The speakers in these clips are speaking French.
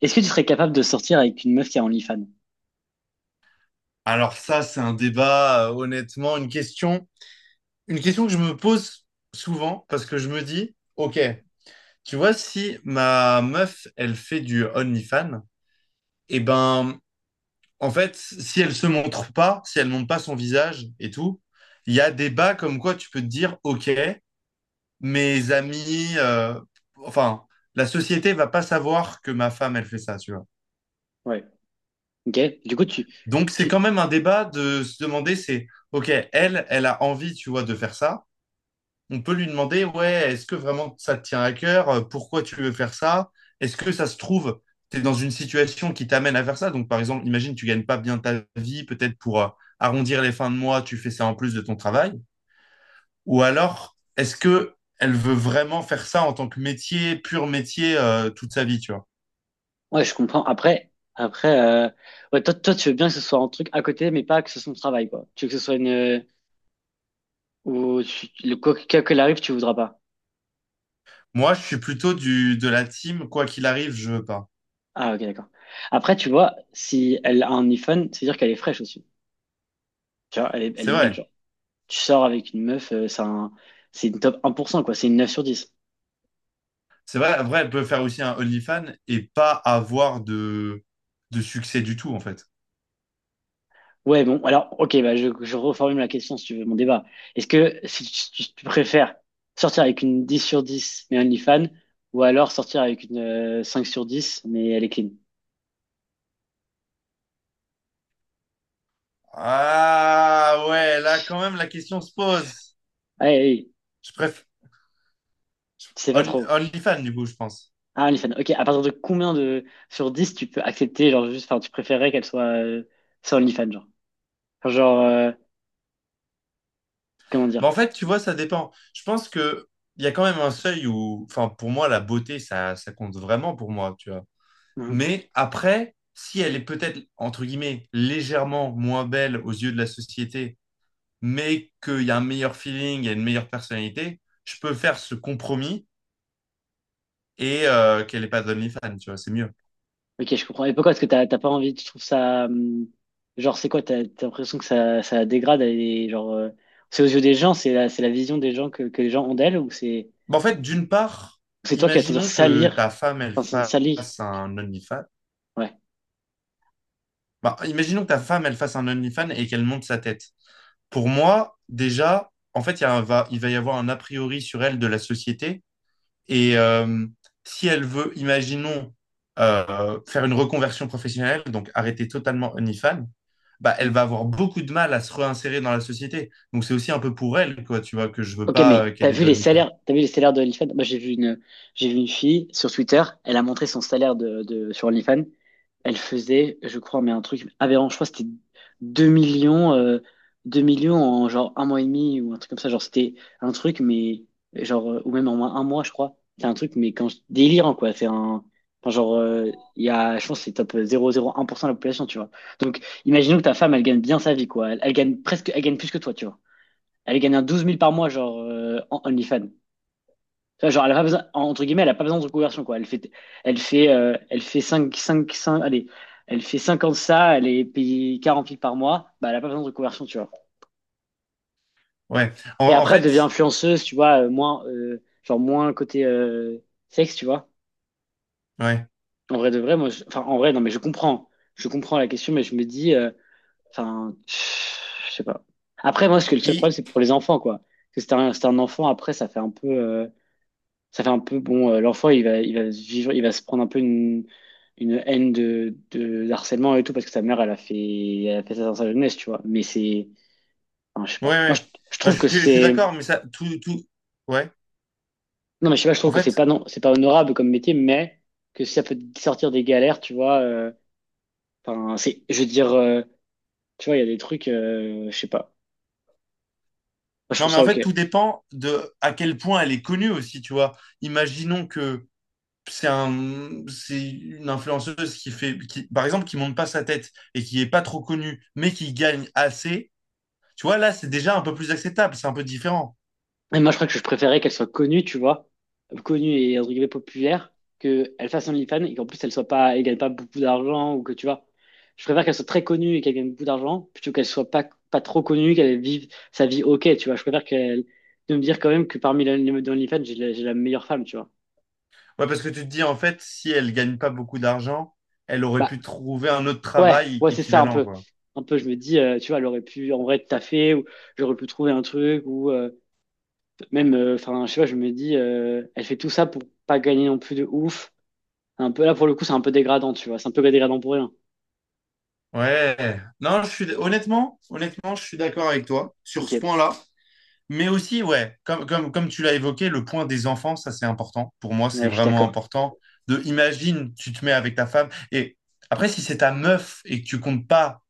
Est-ce que tu serais capable de sortir avec une meuf qui a OnlyFans? Alors ça, c'est un débat, honnêtement, une question que je me pose souvent parce que je me dis, ok, tu vois, si ma meuf, elle fait du OnlyFans, et ben, en fait, si elle se montre pas, si elle montre pas son visage et tout, il y a des bas comme quoi tu peux te dire, ok, mes amis, enfin, la société va pas savoir que ma femme, elle fait ça, tu vois. Ouais. Ok? Du coup, Donc c'est quand tu, même un débat de se demander, c'est, ok, elle a envie, tu vois, de faire ça. On peut lui demander, ouais, est-ce que vraiment ça te tient à cœur? Pourquoi tu veux faire ça? Est-ce que ça se trouve, tu es dans une situation qui t'amène à faire ça? Donc, par exemple, imagine, tu gagnes pas bien ta vie, peut-être pour arrondir les fins de mois, tu fais ça en plus de ton travail. Ou alors, est-ce que elle veut vraiment faire ça en tant que métier, pur métier, toute sa vie, tu vois? ouais, je comprends. Après, ouais, toi, tu veux bien que ce soit un truc à côté, mais pas que ce soit ton travail, quoi. Tu veux que ce soit une, ou tu- le quoi qu'elle arrive, tu voudras pas. Moi, je suis plutôt du, de la team, quoi qu'il arrive, je veux pas. Ah, ok, d'accord. Après, tu vois, si elle a un iPhone, c'est-à-dire qu'elle est fraîche aussi. Tu vois, elle est C'est belle, vrai. genre. Tu sors avec une meuf, c'est une top 1%, quoi. C'est une 9 sur 10. C'est vrai, vrai, elle peut faire aussi un OnlyFans et pas avoir de succès du tout, en fait. Ouais, bon, alors, ok, bah, je reformule la question si tu veux, mon débat. Est-ce que si tu préfères sortir avec une 10 sur 10 mais OnlyFans, ou alors sortir avec une 5 sur 10 mais elle est clean? Ah ouais, là quand même la question se pose. Allez, allez, Je préfère tu sais pas trop. OnlyFans du coup, je pense. Ah, OnlyFans, ok, à partir de combien de sur 10 tu peux accepter, genre, juste, enfin, tu préférerais qu'elle soit sans OnlyFans, genre? Enfin, genre, comment Mais dire? en fait, tu vois, ça dépend. Je pense que il y a quand même un seuil où, enfin, pour moi, la beauté, ça compte vraiment pour moi, tu vois. Mais après, si elle est peut-être entre guillemets légèrement moins belle aux yeux de la société, mais qu'il y a un meilleur feeling, il y a une meilleure personnalité, je peux faire ce compromis et qu'elle n'ait pas d'OnlyFans, tu vois, c'est mieux. Ok, je comprends. Et pourquoi est-ce que t'as pas envie? Tu trouves ça genre c'est quoi? T'as l'impression que ça dégrade et genre c'est aux yeux des gens, c'est la vision des gens que les gens ont d'elle ou c'est Bah, en fait, d'une part, ou c'est toi qui vas te sentir imaginons que salir, ta femme, elle enfin salir. fasse un OnlyFans. Ouais. Bah, imaginons que ta femme, elle fasse un OnlyFans et qu'elle monte sa tête. Pour moi, déjà, en fait, il va y avoir un a priori sur elle de la société et si elle veut, imaginons, faire une reconversion professionnelle, donc arrêter totalement OnlyFans, bah, elle va avoir beaucoup de mal à se réinsérer dans la société. Donc c'est aussi un peu pour elle, quoi, tu vois, que je veux Ok, pas mais t'as qu'elle ait vu de les OnlyFans. salaires, t'as vu les salaires de OnlyFans? Moi, j'ai vu une fille sur Twitter. Elle a montré son salaire de sur OnlyFans. Elle faisait, je crois, mais un truc aberrant. Je crois que c'était 2 millions, 2 millions en genre un mois et demi ou un truc comme ça. Genre, c'était un truc, mais genre, ou même en moins un mois, je crois. C'est un truc, mais quand je- délirant, quoi. C'est un, enfin, genre, il y a, je pense, que c'est top 0,01% de la population, tu vois. Donc, imaginons que ta femme, elle gagne bien sa vie, quoi. Elle gagne presque, elle gagne plus que toi, tu vois, elle gagne un 12 000 par mois, genre, en OnlyFans. Tu vois, genre, elle a pas besoin, entre guillemets, elle a pas besoin de reconversion, quoi. Elle fait 5, 5, 5, allez, elle fait 50 ça, elle est payée 40 000 par mois, bah, elle a pas besoin de reconversion, tu vois. Ouais. Et En après, elle fait, devient influenceuse, tu vois, moins, genre, moins côté, sexe, tu vois. ouais. En vrai de vrai, moi, je- enfin, en vrai, non, mais je comprends. Je comprends la question, mais je me dis, enfin, je sais pas. Après, moi, ce que le seul Il- problème, c'est pour les enfants, quoi. Parce que c'est un enfant, après, ça fait un peu, ça fait un peu bon l'enfant il va se vivre il va se prendre un peu une haine de harcèlement et tout parce que sa mère elle a fait ça dans sa jeunesse, tu vois, mais c'est enfin, je sais Ouais, pas, moi, ouais. Je Non, trouve que je suis c'est non. d'accord, mais ça, tout, ouais. Mais je sais pas, je En trouve que fait, c'est pas honorable comme métier, mais que si ça peut te sortir des galères, tu vois, enfin c'est, je veux dire, tu vois, il y a des trucs, je sais pas, moi, je non, trouve mais ça en ok. fait, tout dépend de à quel point elle est connue aussi, tu vois. Imaginons que c'est un, c'est une influenceuse qui fait, qui, par exemple, qui monte pas sa tête et qui est pas trop connue, mais qui gagne assez. Tu vois, là, c'est déjà un peu plus acceptable, c'est un peu différent. Et moi, je crois que je préférais qu'elle soit connue, tu vois, connue et entre guillemets populaire, qu'elle fasse OnlyFans et qu'en plus elle gagne pas beaucoup d'argent ou que tu vois. Je préfère qu'elle soit très connue et qu'elle gagne beaucoup d'argent plutôt qu'elle soit pas trop connue, qu'elle vive sa vie ok, tu vois. Je préfère qu'elle, de me dire quand même que parmi les meufs d'OnlyFans, j'ai la meilleure femme, tu vois. Ouais, parce que tu te dis, en fait, si elle gagne pas beaucoup d'argent, elle aurait Bah, pu trouver un autre ouais, travail ouais, c'est ça un équivalent, peu. quoi. Un peu, je me dis, tu vois, elle aurait pu en vrai taffer ou j'aurais pu trouver un truc ou même, enfin, je sais pas, je me dis, elle fait tout ça pour pas gagner non plus de ouf. Un peu, là, pour le coup, c'est un peu dégradant, tu vois. C'est un peu dégradant pour rien. Ouais. Non, je suis, honnêtement, je suis d'accord avec toi sur ce Ok. point-là. Mais aussi, ouais, comme tu l'as évoqué, le point des enfants, ça c'est important. Pour moi, c'est Ouais, je suis vraiment d'accord. important. De, imagine, tu te mets avec ta femme. Et après, si c'est ta meuf et que tu comptes pas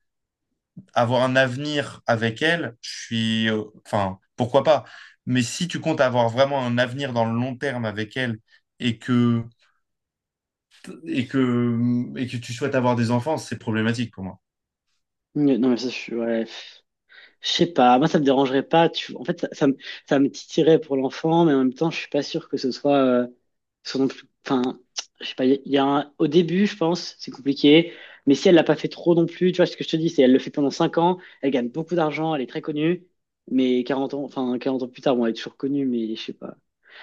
avoir un avenir avec elle, je suis. Enfin, pourquoi pas? Mais si tu comptes avoir vraiment un avenir dans le long terme avec elle et que, et que, et que tu souhaites avoir des enfants, c'est problématique pour moi. Non, mais ça, je suis. Ouais. Je sais pas, moi, ça me dérangerait pas. Tu... En fait, ça me titillerait pour l'enfant, mais en même temps, je suis pas sûr que ce soit, ce non plus. Enfin, je sais pas. Il y a un... Au début, je pense, c'est compliqué. Mais si elle l'a pas fait trop non plus, tu vois ce que je te dis, c'est elle le fait pendant 5 ans, elle gagne beaucoup d'argent, elle est très connue, mais 40 ans, enfin 40 ans plus tard, bon, elle est toujours connue, mais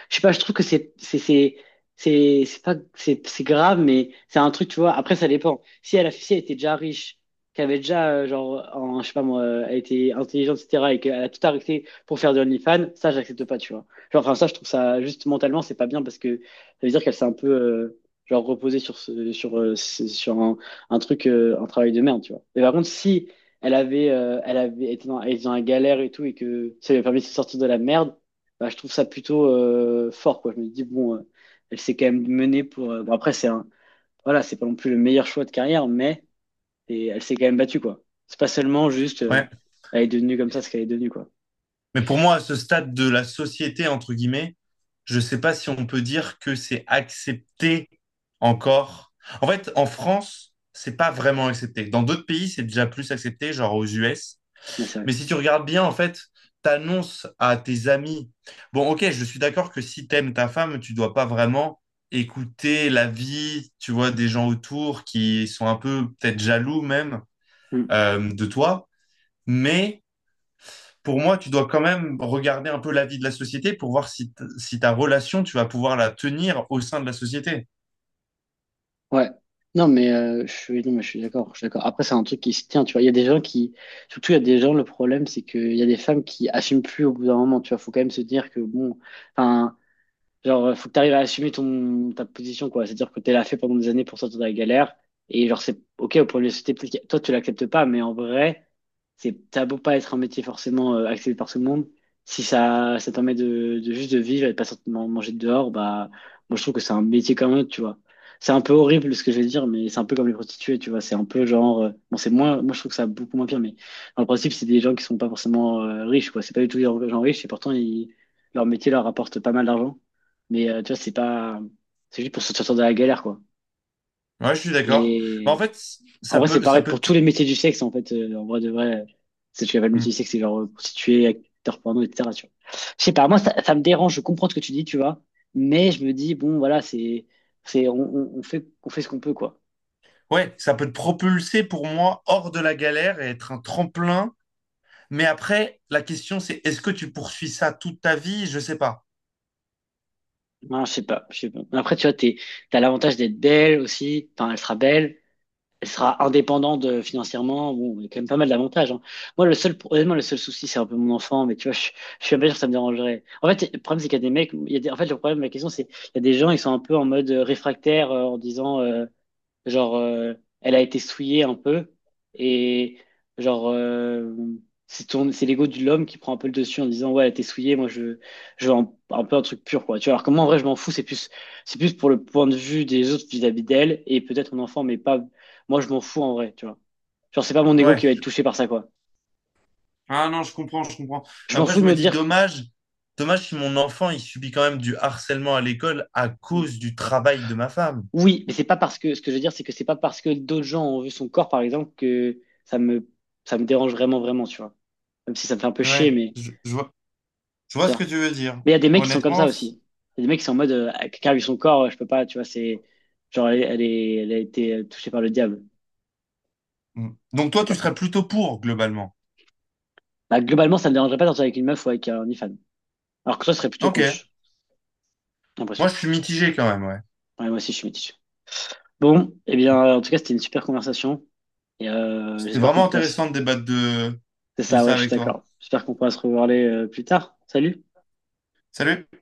je sais pas, je trouve que c'est c'est pas c'est grave, mais c'est un truc, tu vois. Après, ça dépend. Si elle a si elle était déjà riche, qu'elle avait déjà genre en, je sais pas moi, elle était intelligente, etc. et qu'elle a tout arrêté pour faire de OnlyFans, ça j'accepte pas, tu vois. Genre, enfin ça, je trouve ça juste mentalement, c'est pas bien parce que ça veut dire qu'elle s'est un peu genre reposée sur ce- sur un truc un travail de merde, tu vois. Mais par contre, si elle avait été dans, elle était dans la galère et tout, et que ça lui a permis de se sortir de la merde, bah, je trouve ça plutôt fort, quoi. Je me dis, bon, elle s'est quand même menée pour. Bon, après, voilà, c'est pas non plus le meilleur choix de carrière, mais et elle s'est quand même battue, quoi. C'est pas seulement juste, Ouais. elle est devenue comme ça ce qu'elle est devenue, quoi. Mais pour moi, à ce stade de la société, entre guillemets, je ne sais pas si on peut dire que c'est accepté encore. En fait, en France, c'est pas vraiment accepté. Dans d'autres pays, c'est déjà plus accepté, genre aux US. Mais c'est vrai. Mais si tu regardes bien, en fait, t'annonces à tes amis. Bon, ok, je suis d'accord que si t'aimes ta femme, tu dois pas vraiment écouter la vie, tu vois, des gens autour qui sont un peu peut-être jaloux même Mm. De toi. Mais pour moi, tu dois quand même regarder un peu la vie de la société pour voir si, t- si ta relation, tu vas pouvoir la tenir au sein de la société. Ouais. Non, mais je suis, non, mais je suis d'accord, je suis d'accord. Après, c'est un truc qui se tient, tu vois. Il y a des gens qui, surtout, il y a des gens, le problème, c'est qu'il y a des femmes qui assument plus au bout d'un moment, tu vois. Faut quand même se dire que, bon, enfin, genre, faut que tu arrives à assumer ta position, quoi. C'est-à-dire que tu l'as fait pendant des années pour sortir de la galère. Et genre, c'est OK, au point de société, peut-être que toi, tu l'acceptes pas, mais en vrai, c'est, t'as beau pas être un métier forcément accepté par tout le monde. Si ça te permet de juste de vivre et de pas sortir man- manger dehors, bah, moi, je trouve que c'est un métier comme un autre, tu vois. C'est un peu horrible ce que je vais dire, mais c'est un peu comme les prostituées, tu vois. C'est un peu genre, bon, c'est moins, moi, je trouve que ça a beaucoup moins pire, mais dans le principe, c'est des gens qui sont pas forcément riches, quoi. C'est pas du tout des gens riches et pourtant, ils, leur métier leur rapporte pas mal d'argent. Mais tu vois, c'est pas. C'est juste pour se sortir de la galère, quoi. Ouais, je suis d'accord. Mais en Et fait, en vrai, c'est ça pareil pour peut, te- tous les métiers du sexe, en fait. En vrai, de vrai, c'est tu appelles le métier Hmm. du sexe, c'est genre prostituée, acteur porno, etc. Tu vois. Je sais pas, moi, ça me dérange, je comprends ce que tu dis, tu vois. Mais je me dis, bon, voilà, c'est. C'est on fait, on fait ce qu'on peut, quoi. Ouais, ça peut te propulser pour moi hors de la galère et être un tremplin. Mais après, la question, c'est est-ce que tu poursuis ça toute ta vie? Je sais pas. Voilà, je sais pas. Mais après, tu vois, t'as l'avantage d'être belle aussi. Enfin, elle sera belle. Elle sera indépendante financièrement. Bon, il y a quand même pas mal d'avantages, hein. Moi, le seul, honnêtement, le seul souci, c'est un peu mon enfant, mais tu vois, je suis même pas sûr que ça me dérangerait. En fait, le problème, c'est qu'il y a des mecs, il y a des- en fait, le problème, la question, c'est, il y a des gens, ils sont un peu en mode réfractaire, en disant, genre, elle a été souillée un peu. Et genre, c'est l'ego de l'homme qui prend un peu le dessus en disant, ouais, elle a été souillée, moi, je veux un peu un truc pur, quoi. Tu vois, alors que moi, en vrai, je m'en fous. C'est plus pour le point de vue des autres vis-à-vis d'elle et peut-être mon enfant, mais pas, moi, je m'en fous en vrai, tu vois. Genre, c'est pas mon ego Ouais. qui va être touché par ça, quoi. Ah non, je comprends. Je m'en Après, fous je de me me dis dire que... dommage si mon enfant, il subit quand même du harcèlement à l'école à cause du travail de ma femme. Oui, mais c'est pas parce que... Ce que je veux dire, c'est que c'est pas parce que d'autres gens ont vu son corps, par exemple, ça me dérange vraiment, vraiment, tu vois. Même si ça me fait un peu chier, Ouais, mais... je vois tu ce vois. que tu veux dire. Mais il y a des mecs qui sont comme ça Honnêtement, c- aussi. Il y a des mecs qui sont en mode, quelqu'un a vu son corps, je peux pas, tu vois, c'est genre, elle a été touchée par le diable. Mm. Donc Je toi, sais tu pas. serais plutôt pour, globalement. Bah, globalement, ça me dérangerait pas de sortir avec une meuf ou avec un ifan. Alors que toi, ce serait plutôt Ok. contre, j'ai Moi, l'impression. je suis mitigé quand même, ouais. Ouais, moi aussi, je suis métis. Bon, eh bien, en tout cas, c'était une super conversation. Et C'était j'espère qu'on vraiment pourra se... intéressant de débattre C'est de ça, ça ouais, je suis avec toi. d'accord. J'espère qu'on pourra se revoir les, plus tard. Salut! Salut.